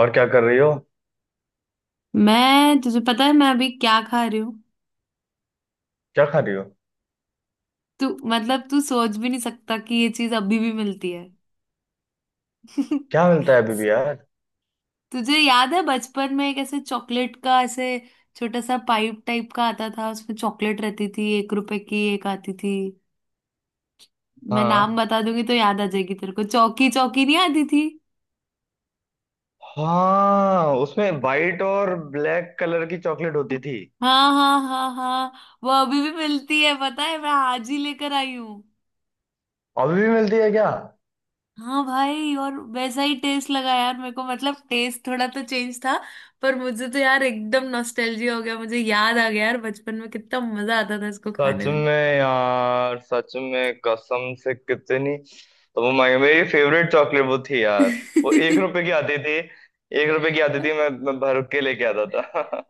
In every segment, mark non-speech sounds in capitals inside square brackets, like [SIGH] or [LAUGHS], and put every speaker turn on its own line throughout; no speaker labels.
और क्या कर रही हो?
मैं तुझे पता है, मैं अभी क्या खा रही हूँ।
क्या खा रही हो?
तू मतलब तू सोच भी नहीं सकता कि ये चीज अभी भी मिलती है।
क्या
[LAUGHS]
मिलता है अभी भी यार?
तुझे याद है बचपन में एक ऐसे चॉकलेट का, ऐसे छोटा सा पाइप टाइप का आता था, उसमें चॉकलेट रहती थी, 1 रुपए की एक आती थी। मैं नाम
हाँ।
बता दूंगी तो याद आ जाएगी तेरे को, चौकी चौकी नहीं आती थी?
हाँ, उसमें वाइट और ब्लैक कलर की चॉकलेट होती थी।
हाँ, हाँ, हाँ, हाँ। वो अभी भी मिलती है, पता है, मैं आज ही लेकर आई हूँ।
अभी भी मिलती है क्या?
हाँ भाई, और वैसा ही टेस्ट लगा यार मेरे को, मतलब टेस्ट थोड़ा तो चेंज था। पर मुझे तो यार एकदम नॉस्टैल्जिया हो गया, मुझे याद आ गया यार बचपन में कितना मजा आता था इसको
सच
खाने में।
में यार, सच में कसम से कितनी। तो वो मैं मेरी फेवरेट चॉकलेट वो थी यार। वो 1 रुपए की
[LAUGHS]
आती थी। 1 रुपए की आती थी, मैं भर के लेके आता था।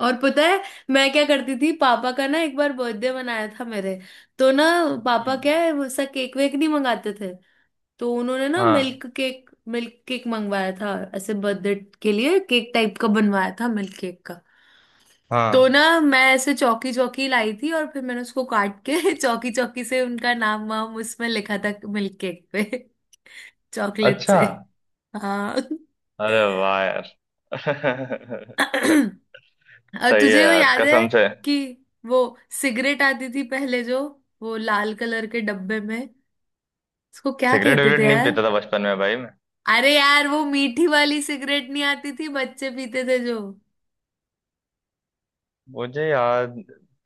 और पता है मैं क्या करती थी, पापा का ना एक बार बर्थडे मनाया था मेरे, तो ना
[LAUGHS]
पापा
हम्म।
क्या है वैसा केक वेक नहीं मंगाते थे। तो उन्होंने ना
हाँ।
मिल्क केक, मिल्क केक मंगवाया था, ऐसे बर्थडे के लिए केक टाइप का बनवाया था मिल्क केक का। तो ना
हाँ।
मैं ऐसे चौकी चौकी लाई थी और फिर मैंने उसको काट के [LAUGHS] चौकी चौकी से उनका नाम वाम उसमें लिखा था, मिल्क केक पे। [LAUGHS] चॉकलेट
अच्छा।
से। हाँ। [CLEARS THROAT]
अरे वाह यार। [LAUGHS]
और
सही है
तुझे वो
यार,
याद है
कसम से।
कि वो सिगरेट आती थी पहले जो, वो लाल कलर के डब्बे में, उसको क्या
सिगरेट
कहते
विगरेट
थे
नहीं
यार?
पीता था बचपन में भाई मैं।
अरे यार वो मीठी वाली सिगरेट नहीं आती थी, बच्चे पीते थे जो।
मुझे याद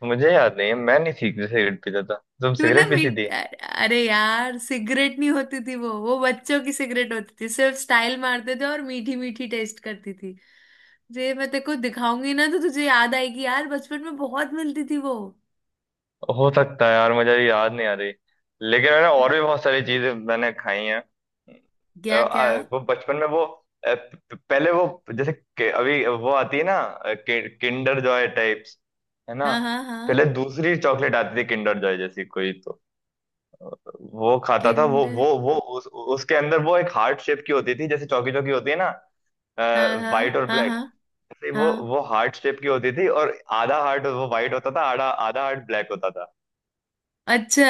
मुझे याद नहीं है, मैं नहीं सिगरेट सिगरेट पीता था। तुम
तू ना
सिगरेट पीती
मिट
थी?
अरे यार सिगरेट नहीं होती थी, वो बच्चों की सिगरेट होती थी, सिर्फ स्टाइल मारते थे और मीठी मीठी टेस्ट करती थी। जे मैं तेरे को दिखाऊंगी ना तो तुझे याद आएगी यार, बचपन में बहुत मिलती थी वो।
हो सकता है यार, मुझे याद नहीं आ रही। लेकिन मैंने और भी बहुत सारी चीजें मैंने खाई हैं।
क्या क्या?
वो बचपन में वो अ, प- प- पहले वो जैसे अभी वो आती है ना, किंडर जॉय टाइप्स। है ना?
हाँ, हाँ, हाँ।
पहले दूसरी चॉकलेट आती थी किंडर जॉय जैसी कोई तो। अ, वो खाता था वो
किंडर?
वो वो उसके अंदर वो एक हार्ट शेप की होती थी, जैसे चौकी चौकी होती है ना।
हाँ, हाँ,
व्हाइट और
हाँ, हाँ,
ब्लैक से वो
हाँ।
वो हार्ट शेप की होती थी, और आधा हार्ट वो व्हाइट होता था, आधा आधा हार्ट ब्लैक होता था।
अच्छा।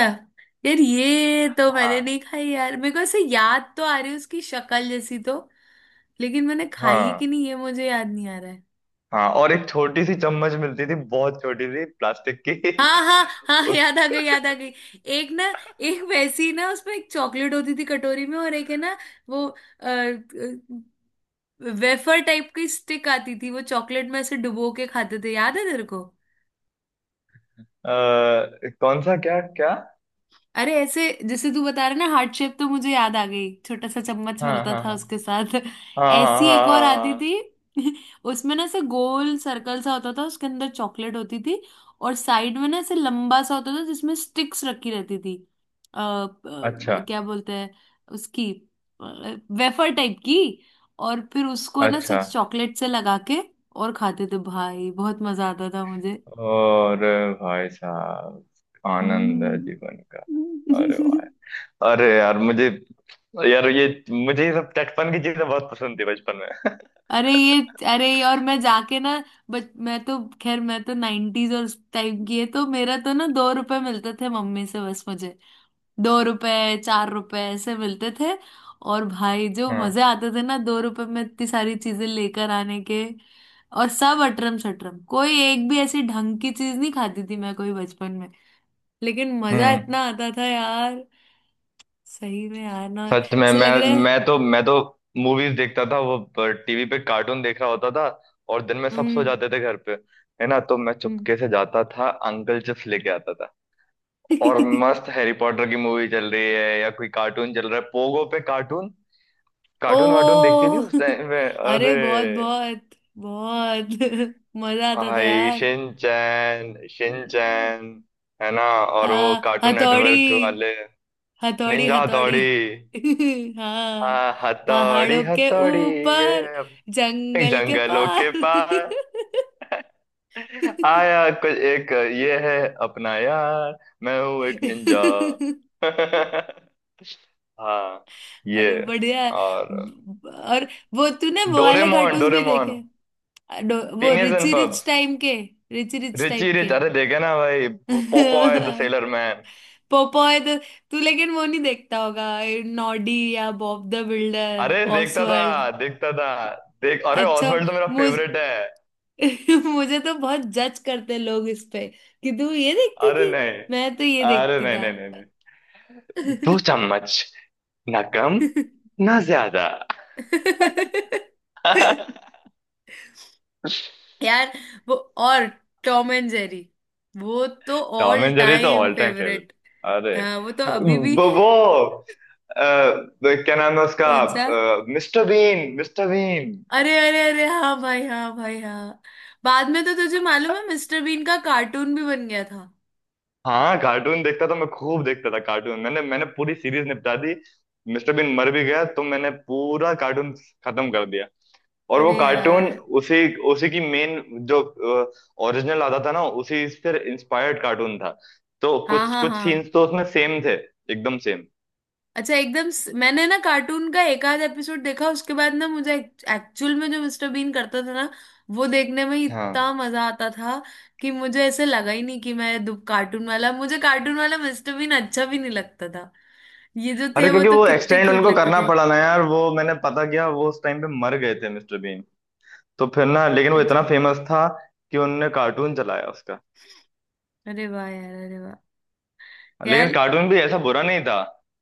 यार ये तो मैंने नहीं
हाँ।
खाई यार, मेरे को ऐसे याद तो आ रही है उसकी शक्ल जैसी तो। लेकिन मैंने खाई है
हाँ,
कि नहीं ये मुझे याद नहीं आ रहा है।
हाँ। और एक छोटी सी चम्मच मिलती थी, बहुत छोटी सी, प्लास्टिक की।
हाँ, हाँ,
[LAUGHS]
हाँ,
उस
याद आ गई, याद आ गई। एक ना, एक वैसी ना उसमें एक चॉकलेट होती थी कटोरी में और एक है ना, वो वेफर टाइप की स्टिक आती थी, वो चॉकलेट में ऐसे डुबो के खाते थे, याद है तेरे को?
अ, कौन सा? क्या क्या?
अरे ऐसे जैसे तू बता रहा ना हार्ट शेप, तो मुझे याद आ गई, छोटा सा चम्मच
हाँ,
मिलता
हाँ,
था
हाँ,
उसके साथ।
हाँ, हाँ, हाँ,
ऐसी एक और
हाँ, हाँ। हाँ,
आती
हाँ।
थी। [LAUGHS] उसमें ना ऐसे गोल सर्कल सा होता था, उसके अंदर चॉकलेट होती थी, और साइड में ना ऐसे लंबा सा होता था जिसमें स्टिक्स रखी रहती थी। अ,
अच्छा।
अ, क्या बोलते हैं उसकी? वेफर टाइप की। और फिर उसको ना
अच्छा।
सच चॉकलेट से लगा के और खाते थे भाई, बहुत मजा आता था मुझे।
और। भाई साहब। आनंद है
हम्म।
जीवन का। अरे
[LAUGHS]
वाह। अरे यार मुझे, यार ये, मुझे ये सब चटपन की चीजें बहुत पसंद थी बचपन में।
अरे ये, अरे ये और मैं जाके ना। बच मैं तो खैर मैं तो 90s और उस टाइम की है, तो मेरा तो ना 2 रुपए मिलते थे मम्मी से बस मुझे। 2 रुपए, 4 रुपए ऐसे मिलते थे। और भाई जो मजे
हाँ।
आते थे ना 2 रुपए में इतनी सारी चीजें लेकर आने के। और सब अटरम सटरम, कोई एक भी ऐसी ढंग की चीज नहीं खाती थी मैं कोई बचपन में। लेकिन मजा
हम्म।
इतना आता था यार। सही में यार ना
सच में
ऐसे
मैं
लग रहा है।
मैं तो मैं तो मूवीज देखता था, वो टीवी पे कार्टून देख रहा होता था। और दिन में सब सो
हम्म।
जाते थे घर पे। है ना? तो मैं
हम्म।
चुपके से जाता था, अंकल चिप्स लेके आता था। और
[LAUGHS]
मस्त हैरी पॉटर की मूवी चल रही है या कोई कार्टून चल रहा है, पोगो पे कार्टून। कार्टून वार्टून देखती थी
ओह।
उस टाइम में,
[LAUGHS] अरे
अरे।
बहुत, बहुत, बहुत [LAUGHS] मजा आता था
भाई,
यार।
Shinchan, Shinchan. है ना? और वो कार्टून
हथौड़ी,
नेटवर्क वाले।
हथौड़ी,
निंजा
हथौड़ी।
हथौड़ी।
[LAUGHS] हाँ।
हाँ, हथौड़ी
पहाड़ों के ऊपर,
हथौड़ी।
जंगल के
जंगलों के
पार।
पार। आया कुछ एक। ये है। अपना यार। मैं हूँ एक निंजा।
[LAUGHS] [LAUGHS]
[LAUGHS] हाँ। ये।
अरे बढ़िया है।
और।
और वो तूने वो वाले
डोरेमोन,
कार्टून्स भी देखे?
डोरेमोन।
वो
पीनियस एंड
रिची रिच
पब्स।
टाइम के, रिची रिच
रिची
टाइप के।
रिच, अरे देखे ना भाई, Popeye the
[LAUGHS]
seller man.
Popeye तो। तू लेकिन वो नहीं देखता होगा, नॉडी या बॉब द बिल्डर,
अरे देखता
ऑसवर्ल्ड।
था। देखता था। देख, अरे
अच्छा।
ऑसवर्ल्ड तो मेरा
मुझ
फेवरेट है।
[LAUGHS] मुझे तो बहुत जज करते लोग इस पे, कि तू ये देखती
अरे
थी,
नहीं।
मैं तो ये
अरे
देखती
नहीं,
था।
नहीं, नहीं, नहीं। दो चम्मच। ना कम। ना ज्यादा।
[LAUGHS]
[LAUGHS]
यार वो और टॉम एंड जेरी, वो तो
टॉम
ऑल
एंड जेरी तो
time
all time favourite.
Favourite.
अरे।
हाँ वो तो अभी भी।
वो वो, अ, क्या नाम है उसका?
कौन सा?
Mr Bean, Mr Bean.
अरे, अरे, अरे, हाँ भाई, हाँ भाई, हाँ। बाद में तो तुझे मालूम है मिस्टर बीन का कार्टून भी बन गया था।
हाँ, कार्टून देखता था मैं, खूब देखता था कार्टून, मैंने मैंने पूरी सीरीज निपटा दी। मिस्टर बीन मर भी गया, तो मैंने पूरा कार्टून खत्म कर दिया। और वो
अरे
कार्टून
यार।
उसी उसी की मेन, जो ओरिजिनल आता था ना, उसी से इंस्पायर्ड कार्टून था। तो
हाँ,
कुछ
हाँ,
कुछ
हाँ।
सीन्स तो उसमें सेम थे। एकदम सेम।
अच्छा एकदम मैंने ना कार्टून का एक आध एपिसोड देखा, उसके बाद ना मुझे एक्चुअल में जो मिस्टर बीन करता था ना, वो देखने में ही इतना मजा आता था, कि मुझे ऐसे लगा ही नहीं कि मैं दु- कार्टून वाला मुझे कार्टून वाला मिस्टर बीन अच्छा भी नहीं लगता था। ये जो
अरे
थे वो
क्योंकि
तो
वो
कितने
एक्सटेंड
क्यूट
उनको
लगते
करना
थे।
पड़ा ना यार, वो मैंने पता किया, वो उस टाइम पे मर गए थे मिस्टर बीन। तो फिर ना, लेकिन वो इतना
अच्छा।
फेमस था, कि उनने कार्टून चलाया उसका।
अरे वाह यार। अरे वाह
लेकिन
यार।
कार्टून भी ऐसा बुरा नहीं था।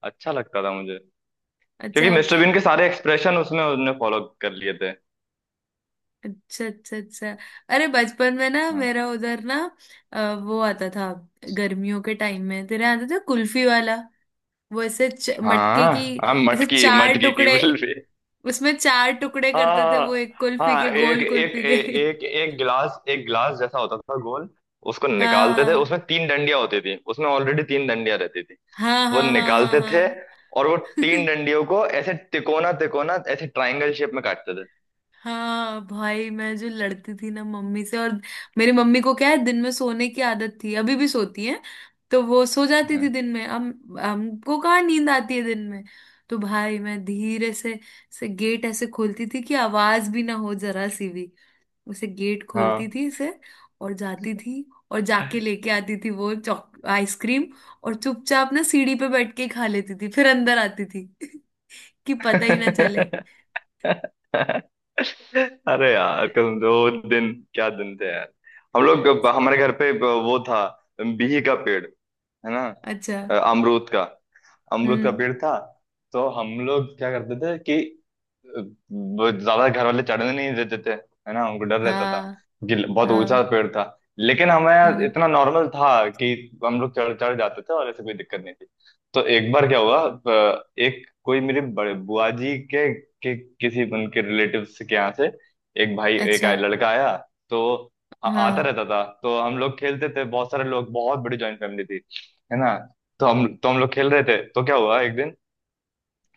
अच्छा लगता था मुझे।
अच्छा,
क्योंकि मिस्टर बीन के सारे एक्सप्रेशन उसमें उसने फॉलो कर लिए थे।
अच्छा, अच्छा। अच्छा अरे बचपन में ना
हाँ।
मेरा उधर ना, वो आता था, गर्मियों के टाइम में तेरे यहाँ आता था कुल्फी वाला। वो ऐसे मटके की,
हाँ, हाँ,
ऐसे
मटकी
चार
मटकी की
टुकड़े,
बिल भी।
उसमें चार टुकड़े करते थे वो,
हाँ।
एक कुल्फी
हाँ,
के,
एक
गोल
एक
कुल्फी
ए-
के। [LAUGHS]
एक एक गिलास जैसा होता था, गोल। उसको निकालते थे, उसमें
हाँ,
तीन डंडियां होती थी, उसमें ऑलरेडी तीन डंडियां रहती थी।
हाँ,
वो
हाँ, हाँ, हाँ,
निकालते थे।
हाँ।
और वो तीन
[LAUGHS]
डंडियों को ऐसे तिकोना तिकोना, ऐसे ट्रायंगल शेप में काटते थे।
हाँ भाई, मैं जो लड़ती थी ना मम्मी से। और मेरी मम्मी को क्या है, दिन में सोने की आदत थी, अभी भी सोती है। तो वो सो जाती
हाँ।
थी दिन में, हम हमको कहाँ नींद आती है दिन में। तो भाई मैं धीरे से गेट ऐसे खोलती थी कि आवाज भी ना हो जरा सी भी, उसे गेट
[LAUGHS]
खोलती
हाँ।
थी इसे। और जाती थी, और जाके लेके आती थी वो चॉक आइसक्रीम। और चुपचाप ना सीढ़ी पे बैठ के खा लेती थी, फिर अंदर आती थी, [LAUGHS] कि पता ही ना चले।
अरे यार कसम से, वो दिन क्या दिन थे यार। हम लोग, हमारे घर पे वो था, बिही का पेड़। है ना?
अच्छा।
अमरूद का। अमरूद का
हम्म।
पेड़ था। तो हम लोग क्या करते थे, कि वो ज्यादा घर वाले चढ़ने नहीं देते थे। है ना, उनको डर रहता था,
हाँ,
कि बहुत
हाँ,
ऊंचा पेड़ था। लेकिन हमें
हाँ।
इतना नॉर्मल था, कि हम लोग चढ़ चढ़ जाते थे, और ऐसे कोई दिक्कत नहीं थी। तो एक बार क्या हुआ, एक कोई मेरे बड़े बुआ जी के किसी उनके रिलेटिव्स के यहाँ से एक
अच्छा।
लड़का आया। तो आता
हाँ।
रहता था, तो हम लोग खेलते थे, बहुत सारे लोग, बहुत बड़ी जॉइंट फैमिली थी। है ना? तो हम लोग खेल रहे थे, तो क्या हुआ एक दिन,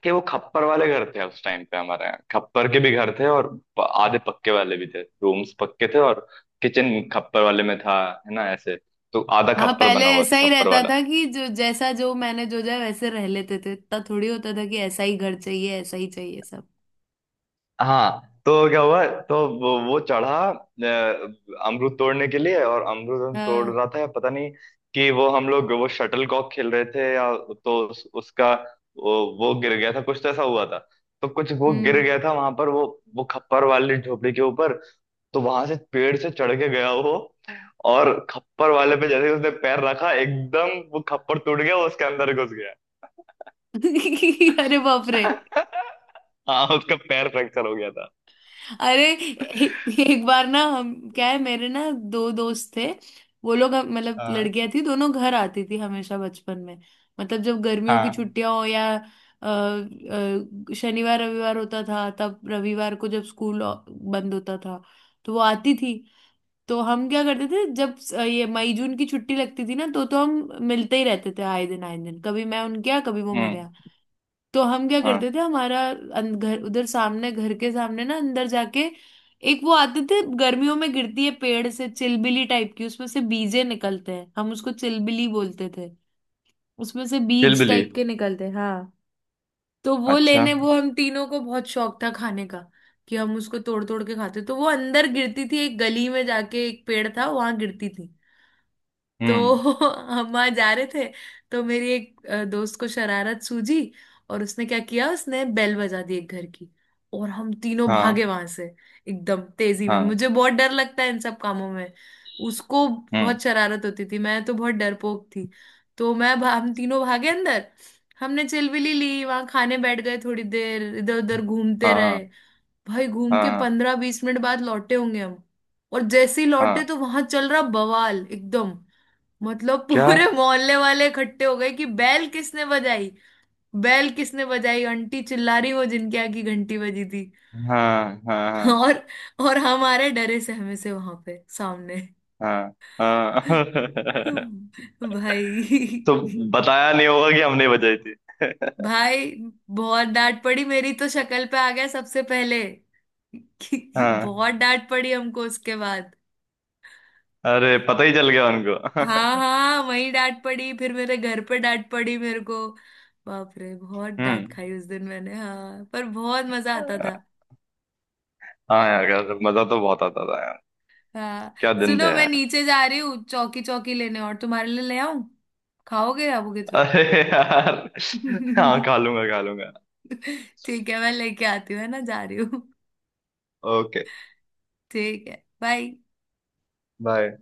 कि वो खप्पर वाले घर थे उस टाइम पे, हमारे यहाँ खप्पर के भी घर थे, और आधे पक्के वाले भी थे, रूम्स पक्के थे, और किचन खप्पर वाले में था। है ना ऐसे। तो आधा
हाँ
खप्पर
पहले
बना हुआ
ऐसा
था,
ही
खप्पर
रहता
वाला।
था, कि जो जैसा जो मैंने जो जाए वैसे रह लेते थे, इतना थोड़ी होता था कि ऐसा ही घर चाहिए, ऐसा ही चाहिए सब।
हाँ, तो क्या हुआ, तो वो चढ़ा अमरूद तोड़ने के लिए, और अमरूद हम तोड़
हाँ।
रहा था, पता नहीं कि वो, हम लोग वो शटल कॉक खेल रहे थे या। तो उसका वो गिर गया था, कुछ तो ऐसा हुआ था। तो कुछ वो गिर
हम्म।
गया था वहां पर, वो खप्पर वाली झोपड़ी के ऊपर। तो वहां से पेड़ से चढ़ के गया वो, और खप्पर वाले पे जैसे ही उसने पैर रखा, एकदम वो खप्पर टूट गया, वो उसके अंदर घुस गया।
[LAUGHS] अरे बाप रे!
[LAUGHS] हाँ, उसका पैर फ्रैक्चर हो गया था।
अरे एक बार ना हम क्या है, मेरे ना दो दोस्त थे। वो लोग मतलब
हाँ।
लड़कियां थी दोनों, घर आती थी हमेशा बचपन में। मतलब जब गर्मियों की
हाँ।
छुट्टियां हो, या शनिवार रविवार होता था, तब रविवार को जब स्कूल बंद होता था, तो वो आती थी। तो हम क्या करते थे, जब ये मई जून की छुट्टी लगती थी ना, तो हम मिलते ही रहते थे, आए दिन, आए दिन, कभी मैं उनके यहाँ कभी वो मेरे
हम्म।
यहाँ। तो हम क्या
हाँ।
करते थे, हमारा घर उधर सामने, घर के सामने ना अंदर जाके, एक वो आते थे गर्मियों में, गिरती है पेड़ से चिलबिली टाइप की, उसमें से बीजे निकलते हैं, हम उसको चिलबिली बोलते थे। उसमें से बीज
चिलबिली।
टाइप के निकलते हैं। हाँ। तो वो
अच्छा।
लेने, वो हम तीनों को बहुत शौक था खाने का, कि हम उसको तोड़ तोड़ के खाते, तो वो अंदर गिरती थी, एक गली में जाके एक पेड़ था वहां गिरती थी। तो
हम्म।
[LAUGHS] हम वहां जा रहे थे, तो मेरी एक दोस्त को शरारत सूझी, और उसने क्या किया, उसने बेल बजा दी एक घर की। और हम तीनों
हाँ।
भागे वहां से एकदम तेजी में।
हाँ।
मुझे बहुत डर लगता है इन सब कामों में। उसको
हम्म।
बहुत शरारत होती थी, मैं तो बहुत डरपोक थी। तो हम तीनों भागे अंदर, हमने चिलविली ली, वहां खाने बैठ गए, थोड़ी देर इधर उधर घूमते
हाँ,
रहे।
हाँ,
भाई घूम के
हाँ,
15-20 मिनट बाद लौटे होंगे हम। और जैसे ही
हाँ।
लौटे, तो वहां चल रहा बवाल एकदम। मतलब
क्या?
पूरे मोहल्ले वाले इकट्ठे हो गए, कि बैल किसने बजाई, बैल किसने बजाई आंटी चिल्ला रही, वो जिनके यहाँ की घंटी बजी थी।
हाँ, हाँ, हाँ,
और और हमारे डरे सहमे से वहां पे सामने।
हाँ, हाँ। [LAUGHS]
[LAUGHS] भाई,
तो बताया नहीं होगा कि हमने बजाई थी।
भाई बहुत डांट पड़ी, मेरी तो शक्ल पे आ गया सबसे पहले। [LAUGHS]
हाँ।
बहुत डांट पड़ी हमको उसके बाद।
अरे पता ही चल गया उनको। [LAUGHS]
हाँ, हाँ वही डांट पड़ी, फिर मेरे घर पे डांट पड़ी मेरे को। बाप रे, बहुत डांट
हम्म।
खाई उस दिन मैंने, हाँ पर बहुत मजा आता था।
हाँ यार, यार मजा तो बहुत आता था यार।
हाँ।
क्या दिन थे
सुनो मैं
यार।
नीचे जा रही हूँ चौकी चौकी लेने, और तुम्हारे लिए ले आऊं? खाओगे आवोगे
[LAUGHS]
तो?
अरे यार। हाँ,
[LAUGHS]
खा लूंगा, खा लूंगा।
ठीक है मैं लेके आती हूँ, है ना? जा रही हूँ।
ओके।
ठीक है, बाय।
बाय।